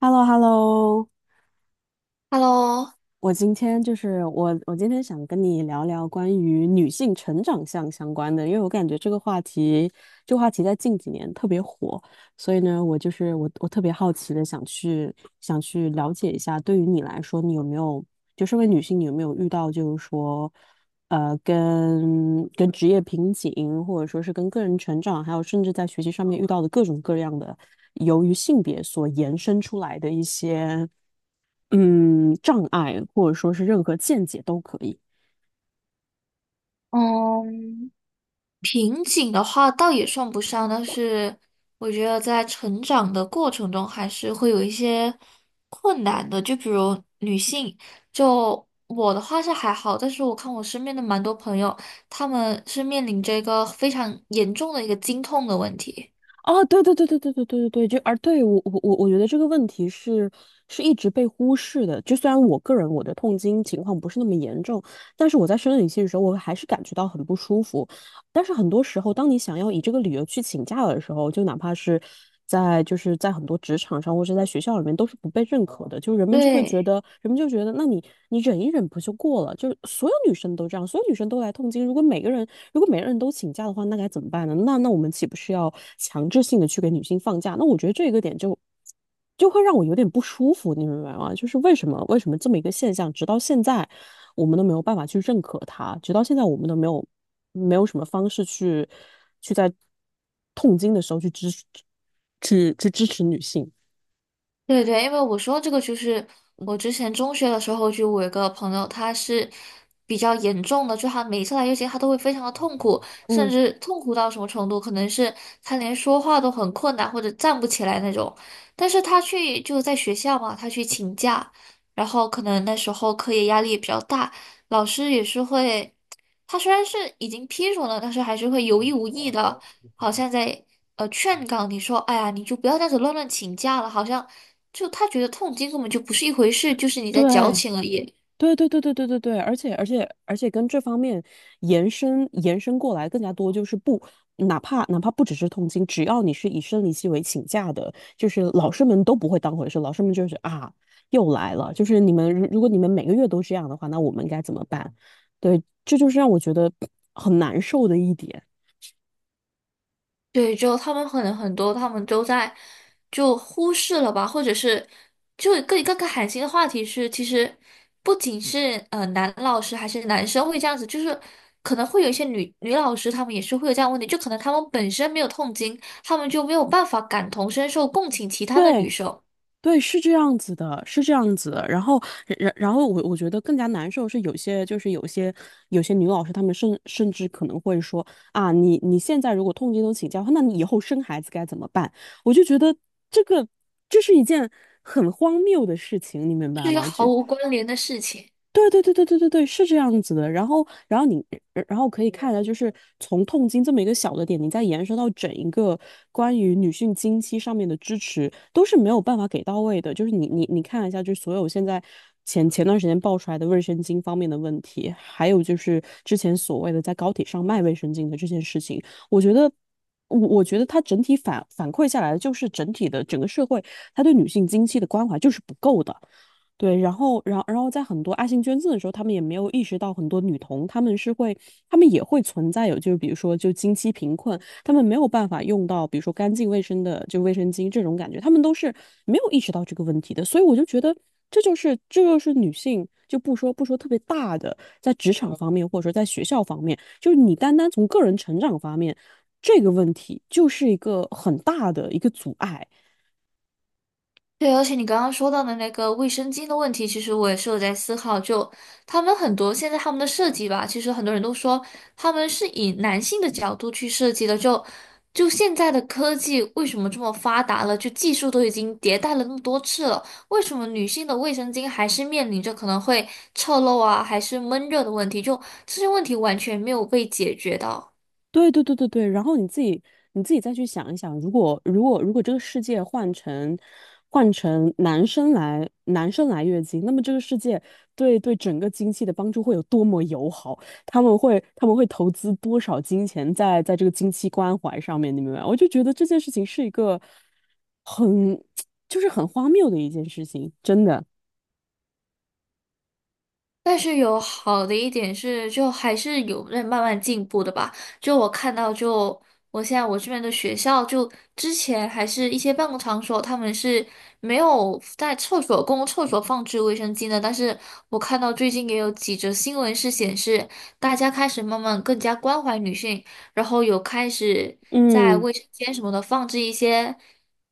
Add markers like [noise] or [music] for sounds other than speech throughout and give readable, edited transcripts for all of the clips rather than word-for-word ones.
h e l l o h e l l o。 Hello，我今天想跟你聊聊关于女性成长项相关的，因为我感觉这个话题在近几年特别火。所以呢，我就是我，我特别好奇的想去了解一下。对于你来说，你有没有就身为女性，你有没有遇到就是说，跟职业瓶颈，或者说是跟个人成长，还有甚至在学习上面遇到的各种各样的、由于性别所延伸出来的一些障碍，或者说是任何见解都可以。嗯，瓶颈的话倒也算不上，但是我觉得在成长的过程中还是会有一些困难的。就比如女性，就我的话是还好，但是我看我身边的蛮多朋友，他们是面临着一个非常严重的一个经痛的问题。哦，对对对对对对对对对，就而对我觉得这个问题是一直被忽视的。就虽然我个人我的痛经情况不是那么严重，但是我在生理期的时候，我还是感觉到很不舒服。但是很多时候，当你想要以这个理由去请假的时候，就哪怕是在就是在很多职场上或者在学校里面，都是不被认可的。就对。人们就觉得，那你忍一忍不就过了？就是所有女生都这样，所有女生都来痛经。如果每个人都请假的话，那该怎么办呢？那我们岂不是要强制性的去给女性放假？那我觉得这个点就会让我有点不舒服，你明白吗？就是为什么这么一个现象，直到现在。我们都没有办法去认可它，直到现在我们都没有什么方式去在痛经的时候去支持女性。对对，因为我说这个就是嗯，我之前中学的时候，就我有一个朋友，他是比较严重的，就他每一次来月经，他都会非常的痛苦，甚嗯，至痛苦到什么程度，可能是他连说话都很困难，或者站不起来那种。但是他去就在学校嘛，他去请假，然后可能那时候课业压力也比较大，老师也是会，他虽然是已经批准了，但是还是会有意无意的。好像在劝告你说，哎呀，你就不要这样子乱请假了，好像就他觉得痛经根本就不是一回事，就是你在矫对，情而已。对对对对对对对，而且跟这方面延伸过来更加多，就是不，哪怕不只是痛经，只要你是以生理期为请假的，就是老师们都不会当回事，老师们就是啊又来了，就是你们如果你们每个月都这样的话，那我们该怎么办？对，这就是让我觉得很难受的一点。对，就他们可能很多，他们都在就忽视了吧，或者是就更寒心的话题是，其实不仅是男老师还是男生会这样子，就是可能会有一些女老师，她们也是会有这样的问题，就可能她们本身没有痛经，她们就没有办法感同身受，共情其他的女对生，对，是这样子的，是这样子的。然后，然后我觉得更加难受是有些就是有些有些女老师，她们甚至可能会说啊，你现在如果痛经都请假的话，那你以后生孩子该怎么办？我就觉得这个这是一件很荒谬的事情，你明是白一个吗？就毫无关联的事情。对对对对对对对，是这样子的。然后，可以看下，就是从痛经这么一个小的点，你再延伸到整一个关于女性经期上面的支持，都是没有办法给到位的。就是你看一下，就是所有现在前段时间爆出来的卫生巾方面的问题，还有就是之前所谓的在高铁上卖卫生巾的这件事情，我觉得。我觉得它整体反馈下来的就是整体的整个社会，它对女性经期的关怀就是不够的。对，然后，然后在很多爱心捐赠的时候，他们也没有意识到很多女童，他们是会，他们也会存在有，就是比如说就经期贫困，他们没有办法用到比如说干净卫生的就卫生巾这种感觉，他们都是没有意识到这个问题的。所以我就觉得这就是女性，就不说特别大的，在职场方面或者说在学校方面，就是你单单从个人成长方面，这个问题就是一个很大的一个阻碍。对，而且你刚刚说到的那个卫生巾的问题，其实我也是有在思考。就他们很多现在他们的设计吧，其实很多人都说他们是以男性的角度去设计的。就现在的科技为什么这么发达了？就技术都已经迭代了那么多次了，为什么女性的卫生巾还是面临着可能会侧漏啊，还是闷热的问题？就这些问题完全没有被解决到。对对对对对，然后你自己再去想一想，如果这个世界换成男生来月经，那么这个世界对整个经济的帮助会有多么友好？他们会投资多少金钱在这个经期关怀上面？你明白吗？我就觉得这件事情是一个很 [tsk] 就是很荒谬的一件事情，真的。但是有好的一点是，就还是有在慢慢进步的吧。就我看到就，我现在我这边的学校，就之前还是一些办公场所，他们是没有在厕所公共厕所放置卫生巾的。但是我看到最近也有几则新闻是显示，大家开始慢慢更加关怀女性，然后有开始在嗯卫生间什么的放置一些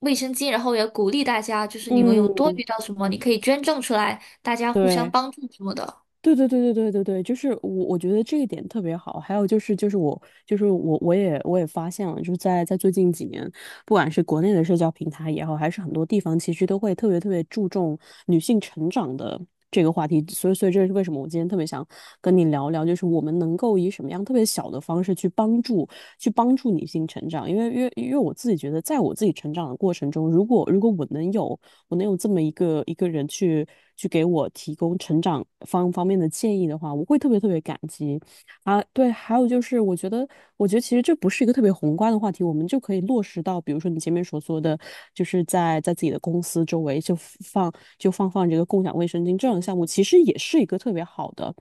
卫生巾，然后也鼓励大家，就是你们有嗯，多余到什么，你可以捐赠出来，大家互相对。帮助什么的。对对对对对对对，就是我觉得这一点特别好。还有就是，我也发现了，就是在最近几年，不管是国内的社交平台也好，还是很多地方，其实都会特别特别注重女性成长的这个话题。所以这是为什么我今天特别想跟你聊聊，就是我们能够以什么样特别小的方式去帮助女性成长。因为我自己觉得，在我自己成长的过程中，如果我能有这么一个人去给我提供成长方面的建议的话，我会特别特别感激。啊，对，还有就是，我觉得其实这不是一个特别宏观的话题，我们就可以落实到比如说你前面所说的，就是在自己的公司周围就放这个共享卫生巾这样的项目，其实也是一个特别好的、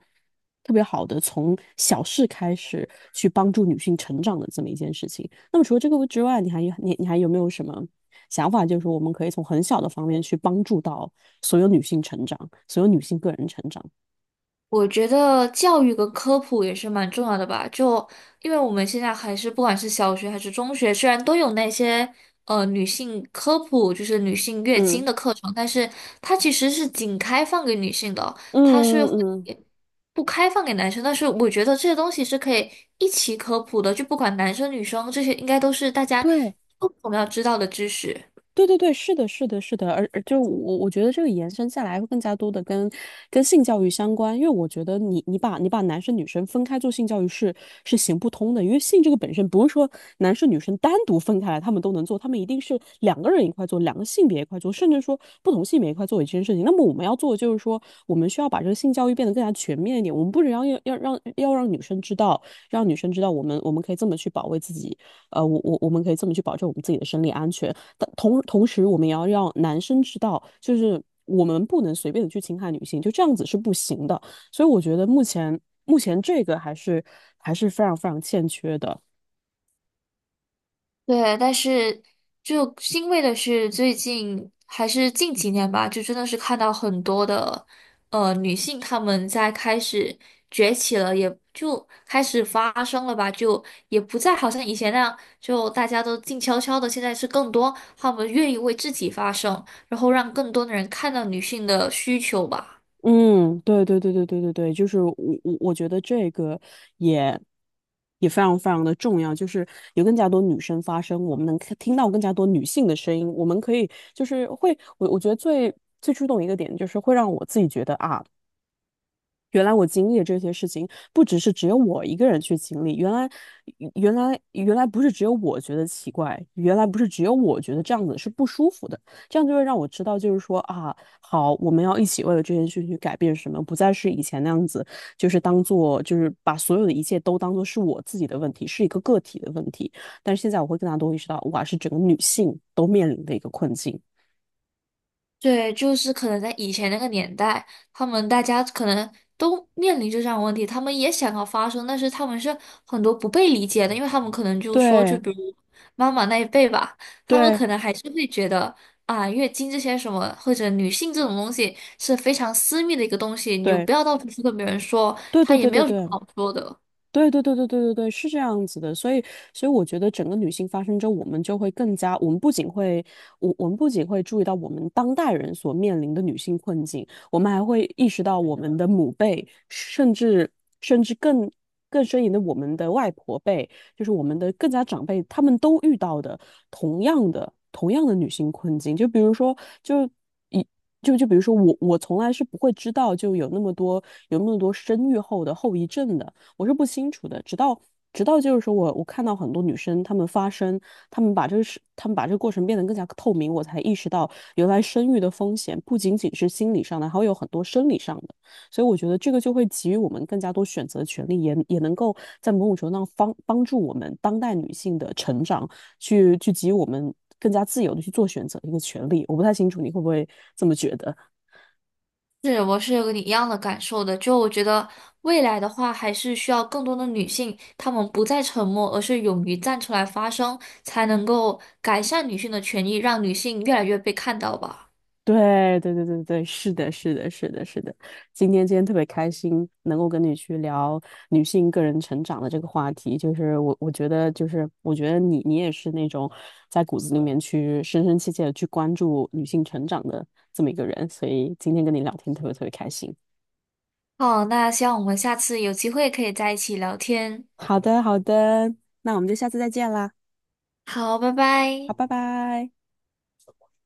特别好的从小事开始去帮助女性成长的这么一件事情。那么除了这个之外，你还有没有什么想法？就是我们可以从很小的方面去帮助到所有女性成长，所有女性个人成长。我觉得教育跟科普也是蛮重要的吧，就因为我们现在还是不管是小学还是中学，虽然都有那些女性科普，就是女性月经嗯的课程，但是它其实是仅开放给女性的，它嗯是会嗯嗯，不开放给男生。但是我觉得这些东西是可以一起科普的，就不管男生女生，这些应该都是大家对，共同要知道的知识。对对对，是的，是的，是的，而就我觉得这个延伸下来会更加多的跟性教育相关，因为我觉得你把男生女生分开做性教育是行不通的。因为性这个本身不是说男生女生单独分开来他们都能做，他们一定是两个人一块做，两个性别一块做，甚至说不同性别一块做一件事情。那么我们要做的就是说，我们需要把这个性教育变得更加全面一点，我们不只要让女生知道，让女生知道我们可以这么去保卫自己，我们可以这么去保证我们自己的生理安全。但同时，我们也要让男生知道，就是我们不能随便的去侵害女性，就这样子是不行的。所以我觉得目前这个还是非常非常欠缺的。对，但是就欣慰的是，最近还是近几年吧，就真的是看到很多的女性，她们在开始崛起了，也就开始发声了吧，就也不再好像以前那样，就大家都静悄悄的，现在是更多她们愿意为自己发声，然后让更多的人看到女性的需求吧。嗯，对对对对对对对，就是我觉得这个也也非常非常的重要，就是有更加多女生发声，我们能看听到更加多女性的声音，我们可以就是会我觉得最触动一个点就是会让我自己觉得啊。原来我经历的这些事情，不只是只有我一个人去经历。原来不是只有我觉得奇怪，原来不是只有我觉得这样子是不舒服的。这样就会让我知道，就是说啊，好，我们要一起为了这件事情去改变什么，不再是以前那样子，就是当做，就是把所有的一切都当做是我自己的问题，是一个个体的问题。但是现在我会更加多意识到，哇，是整个女性都面临的一个困境。对，就是可能在以前那个年代，他们大家可能都面临着这样的问题，他们也想要发声，但是他们是很多不被理解的，因为他们可能就说，就对，比如妈妈那一辈吧，他们对，可能还是会觉得啊，月经这些什么或者女性这种东西是非常私密的一个东西，你就对，不要到处去跟别人说，对，他对，也对，没对，有什么对对。好说的。对对对对对对对，是这样子的，所以我觉得整个女性发生之后，我们就会更加，我们不仅会，我们不仅会注意到我们当代人所面临的女性困境，我们还会意识到我们的母辈，甚至更深一点的我们的外婆辈，就是我们的更加长辈，他们都遇到的同样的女性困境。就比如说就。一。就比如说我，我从来是不会知道就有那么多生育后的后遗症的，我是不清楚的。直到就是说我看到很多女生她们发声，她们把这个事，她们把这个过程变得更加透明，我才意识到原来生育的风险不仅仅是心理上的，还会有很多生理上的。所以我觉得这个就会给予我们更加多选择权利，也能够在某种程度上帮助我们当代女性的成长，去给予我们更加自由的去做选择的一个权利。我不太清楚你会不会这么觉得。是，我是有跟你一样的感受的。就我觉得未来的话，还是需要更多的女性，她们不再沉默，而是勇于站出来发声，才能够改善女性的权益，让女性越来越被看到吧。对对对对对，是的，是的，是的，是的。今天特别开心，能够跟你去聊女性个人成长的这个话题。就是我觉得，就是我觉得你也是那种在骨子里面去深深切切的去关注女性成长的这么一个人，所以今天跟你聊天特别特别开心。好，那希望我们下次有机会可以在一起聊天。好的，好的，那我们就下次再见啦。好，拜好，拜。拜拜。